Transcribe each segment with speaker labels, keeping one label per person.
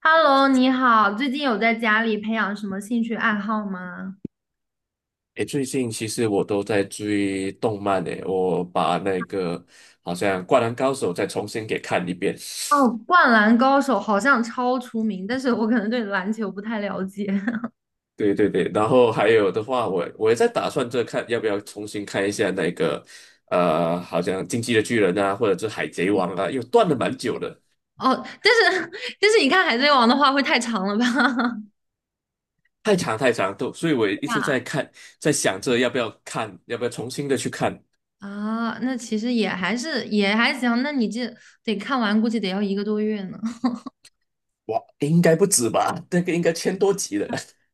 Speaker 1: Hello，你好，最近有在家里培养什么兴趣爱好吗？
Speaker 2: 诶，最近其实我都在追动漫诶，我把那个好像《灌篮高手》再重新给看一遍。
Speaker 1: 哦，《灌篮高手》好像超出名，但是我可能对篮球不太了解。
Speaker 2: 对对对，然后还有的话，我也在打算这看要不要重新看一下那个好像《进击的巨人》啊，或者是《海贼王》啊，又断了蛮久的，
Speaker 1: 哦，但是 但是你看《海贼王》的话会太长了吧？
Speaker 2: 太长太长，都，所以我 一直
Speaker 1: 啊
Speaker 2: 在看，在想着要不要看，要不要重新的去看。
Speaker 1: 啊，那其实也还是也还行，那你这得看完，估计得要一个多月呢。
Speaker 2: 哇，应该不止吧？那个应该千多集了。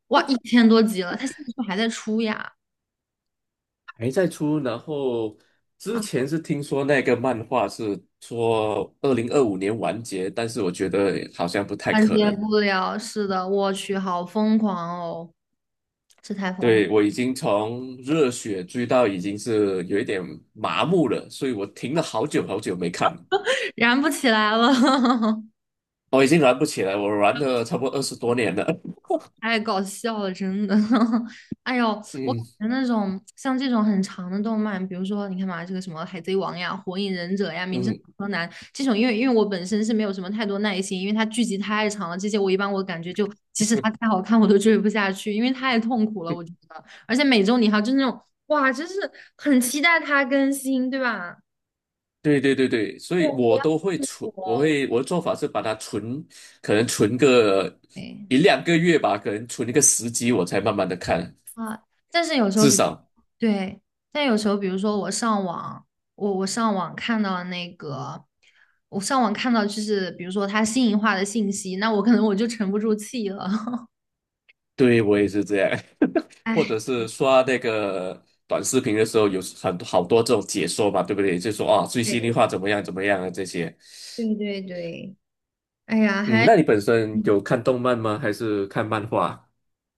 Speaker 1: 哇，一千多集了，他现在是不是还在出呀？
Speaker 2: 还在出，然后之前是听说那个漫画是说2025年完结，但是我觉得好像不太
Speaker 1: 完
Speaker 2: 可
Speaker 1: 结
Speaker 2: 能。
Speaker 1: 不了，是的，我去，好疯狂哦，这太疯了，
Speaker 2: 对，我已经从热血追到已经是有一点麻木了，所以我停了好久好久没看了，
Speaker 1: 燃不起来了。
Speaker 2: 我已经玩不起来，我玩了差不多20多年了。
Speaker 1: 太搞笑了，真的。哎呦，我
Speaker 2: 嗯
Speaker 1: 感觉那种像这种很长的动漫，比如说你看嘛，这个什么《海贼王》呀、《火影忍者》呀、《名侦探
Speaker 2: 嗯，
Speaker 1: 柯南》这种，因为我本身是没有什么太多耐心，因为它剧集太长了，这些我一般我感觉就它太好看我都追不下去，因为太痛苦了，我觉 得。而且每周你还就是那种哇，真是很期待它更新，对吧？
Speaker 2: 对对对对，所
Speaker 1: 对，
Speaker 2: 以
Speaker 1: 不
Speaker 2: 我
Speaker 1: 要
Speaker 2: 都会
Speaker 1: 痛
Speaker 2: 存，
Speaker 1: 苦哦。
Speaker 2: 我的做法是把它存，可能存个
Speaker 1: 对。
Speaker 2: 一两个月吧，可能存一个时机，我才慢慢的看。
Speaker 1: 啊，但是有时候
Speaker 2: 至
Speaker 1: 比，
Speaker 2: 少
Speaker 1: 对，但有时候比如说我上网，我上网看到那个，我上网看到就是比如说他新颖化的信息，那我可能我就沉不住气了。
Speaker 2: 对我也是这样，或
Speaker 1: 哎，
Speaker 2: 者是刷那个短视频的时候，有很多好多这种解说嘛，对不对？就说啊，最新的
Speaker 1: 对
Speaker 2: 话怎么样怎么样啊这些。
Speaker 1: 对对对，哎呀，
Speaker 2: 嗯，
Speaker 1: 还。
Speaker 2: 那你本身有看动漫吗？还是看漫画？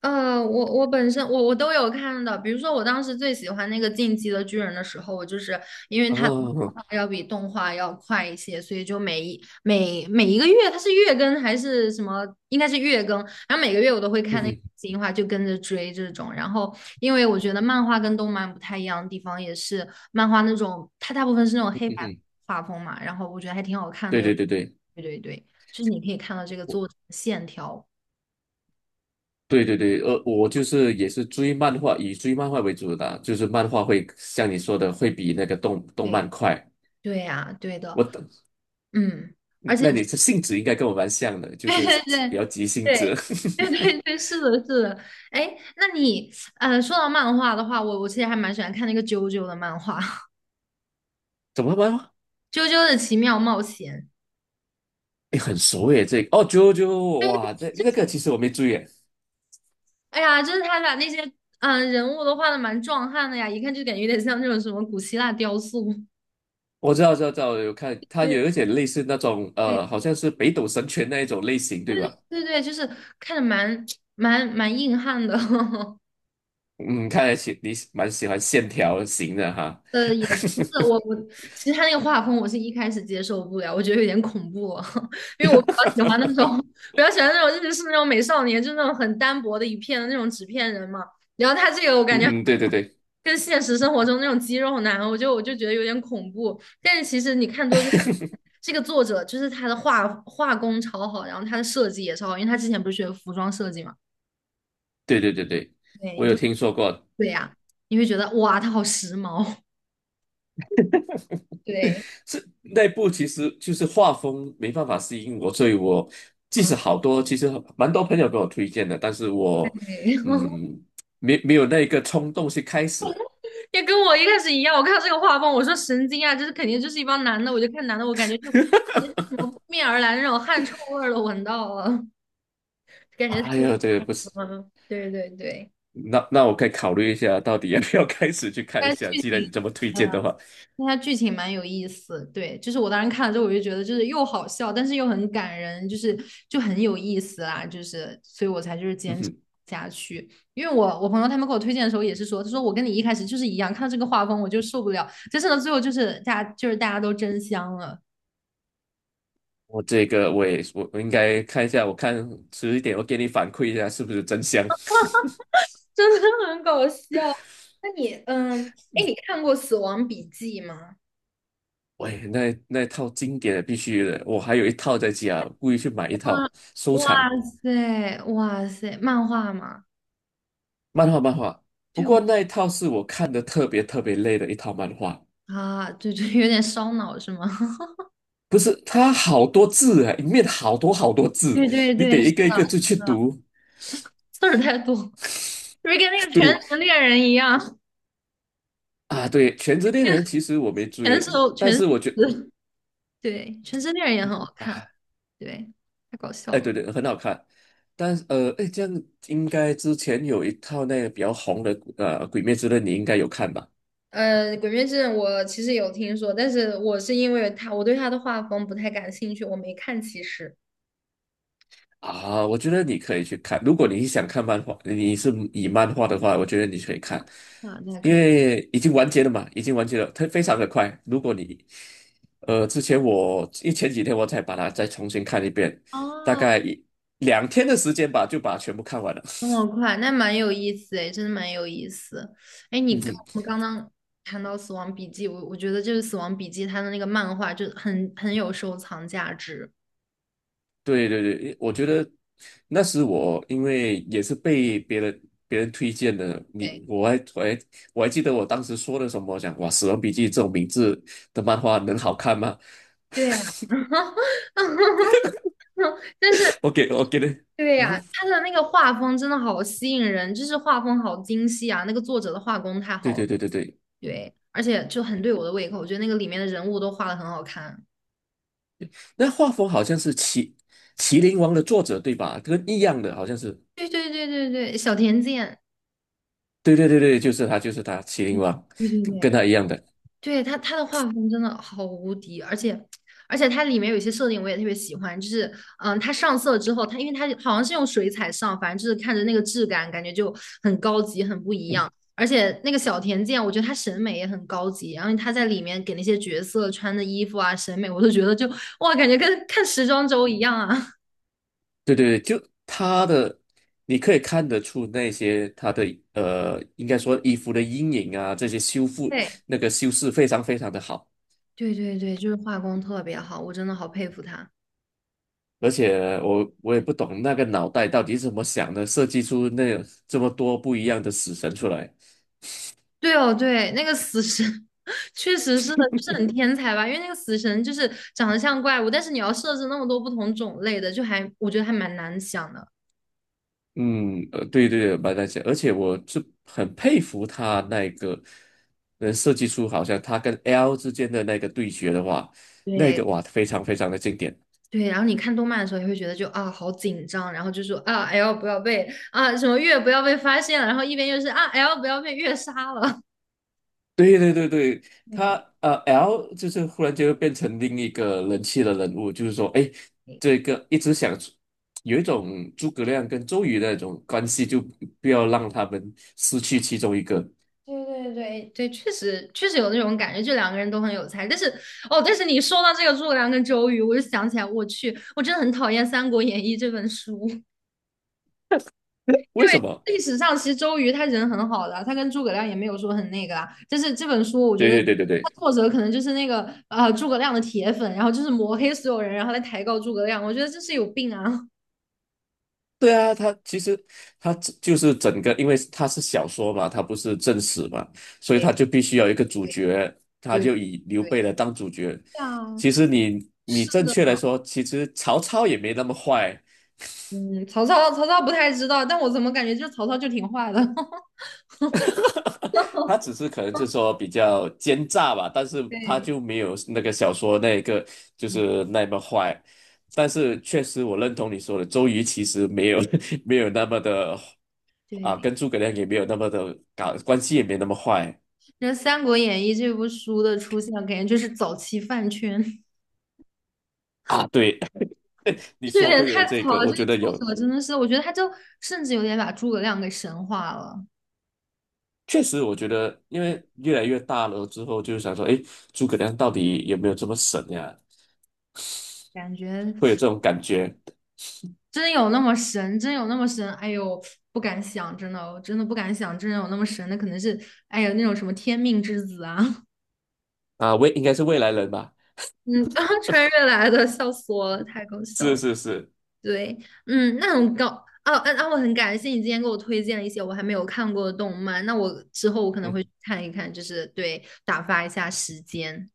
Speaker 1: 我本身我都有看的，比如说我当时最喜欢那个《进击的巨人》的时候，我就是因为它的动
Speaker 2: 哦，
Speaker 1: 画要比动画要快一些，所以就每一个月它是月更还是什么，应该是月更，然后每个月我都会
Speaker 2: 嗯
Speaker 1: 看那个
Speaker 2: 哼
Speaker 1: 新话，就跟着追这种。然后因为我觉得漫画跟动漫不太一样的地方，也是漫画那种它大部分是那种
Speaker 2: 嗯
Speaker 1: 黑白
Speaker 2: 哼，
Speaker 1: 画风嘛，然后我觉得还挺好看
Speaker 2: 对
Speaker 1: 的，
Speaker 2: 对对对，
Speaker 1: 对对对，就是你可以看到这个
Speaker 2: 我
Speaker 1: 作者的线条。
Speaker 2: 对对对，我就是也是追漫画，以追漫画为主的啊就是漫画会像你说的，会比那个动动
Speaker 1: 对
Speaker 2: 漫快。
Speaker 1: 对呀，对的。
Speaker 2: 我等，
Speaker 1: 嗯，而且
Speaker 2: 那你这性质应该跟我蛮像的，就
Speaker 1: 对
Speaker 2: 是
Speaker 1: 对
Speaker 2: 比
Speaker 1: 对
Speaker 2: 较急性子。
Speaker 1: 对对对对，是的，是的。哎，那你说到漫画的话，我其实还蛮喜欢看那个啾啾的漫画，
Speaker 2: 怎么了吗？
Speaker 1: 《啾啾的奇妙冒险》。
Speaker 2: 哎，很熟耶，这个哦，九九九，哇，这那个其实我没注意耶
Speaker 1: 哎呀，就是他把那些人物都画的蛮壮汉的呀，一看就感觉有点像那种什么古希腊雕塑。
Speaker 2: 我知道，知道，知道，有看，它有一
Speaker 1: 对
Speaker 2: 点类似那种，
Speaker 1: 对
Speaker 2: 好像是北斗神拳那一种类型，对吧？
Speaker 1: 对对，就是看着蛮 蛮硬汉的。
Speaker 2: 嗯，看来你蛮喜欢线条型的哈，
Speaker 1: 也不是 我，其实他那个画风我是一开始接受不了，我觉得有点恐怖哦，因为我比较喜欢那种比较喜欢那种日式那种美少年，就那种很单薄的一片的那种纸片人嘛。然后他这个我感觉
Speaker 2: 嗯，对对对，
Speaker 1: 跟现实生活中那种肌肉男，我就觉得有点恐怖。但是其实你看多就会发现这个作者就是他的画工超好，然后他的设计也超好，因为他之前不是学服装设计嘛，
Speaker 2: 对对对对，
Speaker 1: 对，
Speaker 2: 我有听说过，
Speaker 1: 对呀、你会觉得哇，他好时髦，对
Speaker 2: 是那部其实就是画风没办法适应我，所以我即
Speaker 1: 啊，
Speaker 2: 使好多，其实蛮多朋友给我推荐的，但是我
Speaker 1: 对。
Speaker 2: 嗯，没有那个冲动去开始，
Speaker 1: 也跟我一开始一样，我看到这个画风，我说神经啊，这是肯定就是一帮男的，我就看男的，我感觉感觉什么扑面而来那种汗臭味儿都闻到了，感觉太
Speaker 2: 哎
Speaker 1: 恶
Speaker 2: 呀，这个不
Speaker 1: 心
Speaker 2: 是。
Speaker 1: 了。对对对，
Speaker 2: 那我可以考虑一下，到底要不要开始去看一
Speaker 1: 但是
Speaker 2: 下。
Speaker 1: 剧
Speaker 2: 既然
Speaker 1: 情，
Speaker 2: 你这么推
Speaker 1: 呃，
Speaker 2: 荐的话，
Speaker 1: 但它剧情蛮有意思。对，就是我当时看了之后，我就觉得就是又好笑，但是又很感人，就是就很有意思啦，就是所以我才就是
Speaker 2: 嗯
Speaker 1: 坚持
Speaker 2: 哼，
Speaker 1: 下去。因为我我朋友他们给我推荐的时候也是说，他说我跟你一开始就是一样，看到这个画风我就受不了，但是呢最后就是大家就是大家都真香了。
Speaker 2: 我这个我也我我应该看一下，我看迟一点我给你反馈一下是不是真香。
Speaker 1: 真的很搞笑。那你，哎，你看过《死亡笔记》吗？
Speaker 2: 喂，那套经典的必须的，我还有一套在家，故意去买一套
Speaker 1: 哇
Speaker 2: 收
Speaker 1: 哇
Speaker 2: 藏
Speaker 1: 塞哇塞，漫画吗？
Speaker 2: 漫画漫画。不
Speaker 1: 对我
Speaker 2: 过那一套是我看的特别特别累的一套漫画，
Speaker 1: 啊，对对，有点烧脑是吗？
Speaker 2: 不是它好多字啊，里面好多好多字，
Speaker 1: 对对
Speaker 2: 你得
Speaker 1: 对，是
Speaker 2: 一
Speaker 1: 的，
Speaker 2: 个一个字去读。
Speaker 1: 字儿太多，不是跟那个 《全
Speaker 2: 对
Speaker 1: 职猎人》一样，
Speaker 2: 啊，对《全职猎人》其实我没
Speaker 1: 全是
Speaker 2: 追，
Speaker 1: 全
Speaker 2: 但
Speaker 1: 是
Speaker 2: 是我觉
Speaker 1: 词对，《全职猎人》也很好看，
Speaker 2: 啊，
Speaker 1: 对，太搞笑
Speaker 2: 哎，
Speaker 1: 了。
Speaker 2: 对对，很好看。但是哎，这样应该之前有一套那个比较红的《鬼灭之刃》，你应该有看吧？
Speaker 1: 《鬼灭之刃》我其实有听说，但是我是因为他，我对他的画风不太感兴趣，我没看。其实，
Speaker 2: 啊，我觉得你可以去看。如果你想看漫画，你是以漫画的话，我觉得你可以看，
Speaker 1: 啊，那
Speaker 2: 因
Speaker 1: 可以。
Speaker 2: 为已经完结了嘛，已经完结了，它非常的快。如果你呃，之前前几天我才把它再重新看一遍，大
Speaker 1: 哦，
Speaker 2: 概一两天的时间吧，就把它全部看完了。
Speaker 1: 这么快，那蛮有意思诶，真的蛮有意思。哎，你刚我 们刚刚谈到《死亡笔记》，我觉得就是《死亡笔记》它的那个漫画就很有收藏价值。
Speaker 2: 对对对，我觉得那时我因为也是被别人推荐的，你
Speaker 1: 对
Speaker 2: 我还我还我还记得我当时说的什么，讲哇《死亡笔记》这种名字的漫画能好看吗？
Speaker 1: 对呀，但是
Speaker 2: 我给的，
Speaker 1: 对
Speaker 2: 嗯
Speaker 1: 呀，
Speaker 2: 哼
Speaker 1: 它的那个画风真的好吸引人，就是画风好精细啊，那个作者的画工太
Speaker 2: 对
Speaker 1: 好了，
Speaker 2: 对对对对，
Speaker 1: 对，而且就很对我的胃口，我觉得那个里面的人物都画的很好看。
Speaker 2: 那画风好像是麒麟王的作者对吧？跟一样的，好像是，
Speaker 1: 对对对对对，小田健，
Speaker 2: 对对对对，就是他麒麟王，
Speaker 1: 对对对。
Speaker 2: 跟他一样的，
Speaker 1: 对他的画风真的好无敌，而且它里面有一些设定我也特别喜欢，就是他上色之后，因为他好像是用水彩上，反正就是看着那个质感，感觉就很高级，很不一样。
Speaker 2: 嗯
Speaker 1: 而且那个小田健，我觉得他审美也很高级，然后他在里面给那些角色穿的衣服啊，审美我都觉得就哇，感觉跟看时装周一样啊。
Speaker 2: 对对对，就他的，你可以看得出那些应该说衣服的阴影啊，这些修 复
Speaker 1: 对
Speaker 2: 那个修饰非常非常的好，
Speaker 1: 对对对，就是画工特别好，我真的好佩服他。
Speaker 2: 而且我也不懂那个脑袋到底是怎么想的，设计出那这么多不一样的死神出来。
Speaker 1: 对哦，对，那个死神 确实是的，就是很天才吧？因为那个死神就是长得像怪物，但是你要设置那么多不同种类的，就还我觉得还蛮难想的。
Speaker 2: 嗯，对对对，蛮难想，而且我是很佩服他那个能设计出好像他跟 L 之间的那个对决的话，那
Speaker 1: 对
Speaker 2: 个哇非常非常的经典。
Speaker 1: 对，然后你看动漫的时候也会觉得就啊好紧张，然后就说啊 L 不要被啊什么月不要被发现了，然后一边又是啊 L 不要被月杀了。
Speaker 2: 对对对对，他
Speaker 1: 对。
Speaker 2: L 就是忽然就变成另一个人气的人物，就是说，哎，这个一直想有一种诸葛亮跟周瑜的那种关系，就不要让他们失去其中一个。
Speaker 1: 对对对对，确实有那种感觉，就两个人都很有才。但是哦，但是你说到这个诸葛亮跟周瑜，我就想起来，我去，我真的很讨厌《三国演义》这本书。因
Speaker 2: 为
Speaker 1: 为
Speaker 2: 什么？
Speaker 1: 历史上其实周瑜他人很好的啊，他跟诸葛亮也没有说很那个啦。就是这本书我觉
Speaker 2: 对
Speaker 1: 得
Speaker 2: 对对对
Speaker 1: 他
Speaker 2: 对，
Speaker 1: 作者可能就是那个诸葛亮的铁粉，然后就是抹黑所有人，然后来抬高诸葛亮。我觉得这是有病啊！
Speaker 2: 对啊，他其实他只就是整个，因为他是小说嘛，他不是正史嘛，所以
Speaker 1: 对
Speaker 2: 他就必须要有一个主
Speaker 1: 对
Speaker 2: 角，他
Speaker 1: 对
Speaker 2: 就以刘
Speaker 1: 对，
Speaker 2: 备来当主角。
Speaker 1: 对啊，
Speaker 2: 其实你
Speaker 1: 是
Speaker 2: 正
Speaker 1: 的，
Speaker 2: 确来说，其实曹操也没那么坏。
Speaker 1: 嗯，曹操不太知道，但我怎么感觉就曹操就挺坏的？
Speaker 2: 他只是可能是说比较奸诈吧，但是他
Speaker 1: 对
Speaker 2: 就没有那个
Speaker 1: 对，
Speaker 2: 小说那一个就
Speaker 1: 嗯
Speaker 2: 是那么坏。但是确实，我认同你说的，周瑜其实没有 没有那么的啊，
Speaker 1: 对。
Speaker 2: 跟诸葛亮也没有那么的搞，关系也没那么坏
Speaker 1: 那《三国演义》这部书的出现，感觉就是早期饭圈。
Speaker 2: 啊。对，你
Speaker 1: 这有
Speaker 2: 说
Speaker 1: 点
Speaker 2: 对了，
Speaker 1: 太
Speaker 2: 这
Speaker 1: 草
Speaker 2: 个
Speaker 1: 了，
Speaker 2: 我
Speaker 1: 这
Speaker 2: 觉
Speaker 1: 个
Speaker 2: 得有，
Speaker 1: 作者真的是，我觉得他就甚至有点把诸葛亮给神化了，
Speaker 2: 确实我觉得，因为越来越大了之后，就想说，诶，诸葛亮到底有没有这么神呀？
Speaker 1: 感觉
Speaker 2: 会有这种感觉
Speaker 1: 真有那么神，真有那么神，哎呦，不敢想，真的哦，我真的不敢想，真有那么神，那可能是，哎呀，那种什么天命之子啊，
Speaker 2: 啊？未应该是未来人吧？
Speaker 1: 嗯，穿越来的，笑死我了，太搞笑
Speaker 2: 是
Speaker 1: 了。
Speaker 2: 是是，
Speaker 1: 对，嗯，那很高，啊啊啊，我很感谢你今天给我推荐了一些我还没有看过的动漫，那我之后我可能会去
Speaker 2: 嗯。
Speaker 1: 看一看，就是对，打发一下时间。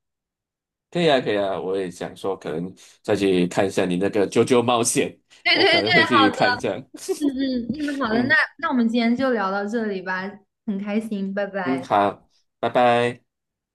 Speaker 2: 可以啊，可以啊，我也想说，可能再去看一下你那个《啾啾冒险》，
Speaker 1: 对
Speaker 2: 我可
Speaker 1: 对对，
Speaker 2: 能会
Speaker 1: 好。
Speaker 2: 去看一下。
Speaker 1: 嗯嗯嗯，好的，那
Speaker 2: 嗯
Speaker 1: 那我们今天就聊到这里吧，很开心，拜
Speaker 2: 嗯，
Speaker 1: 拜。
Speaker 2: 好，拜拜。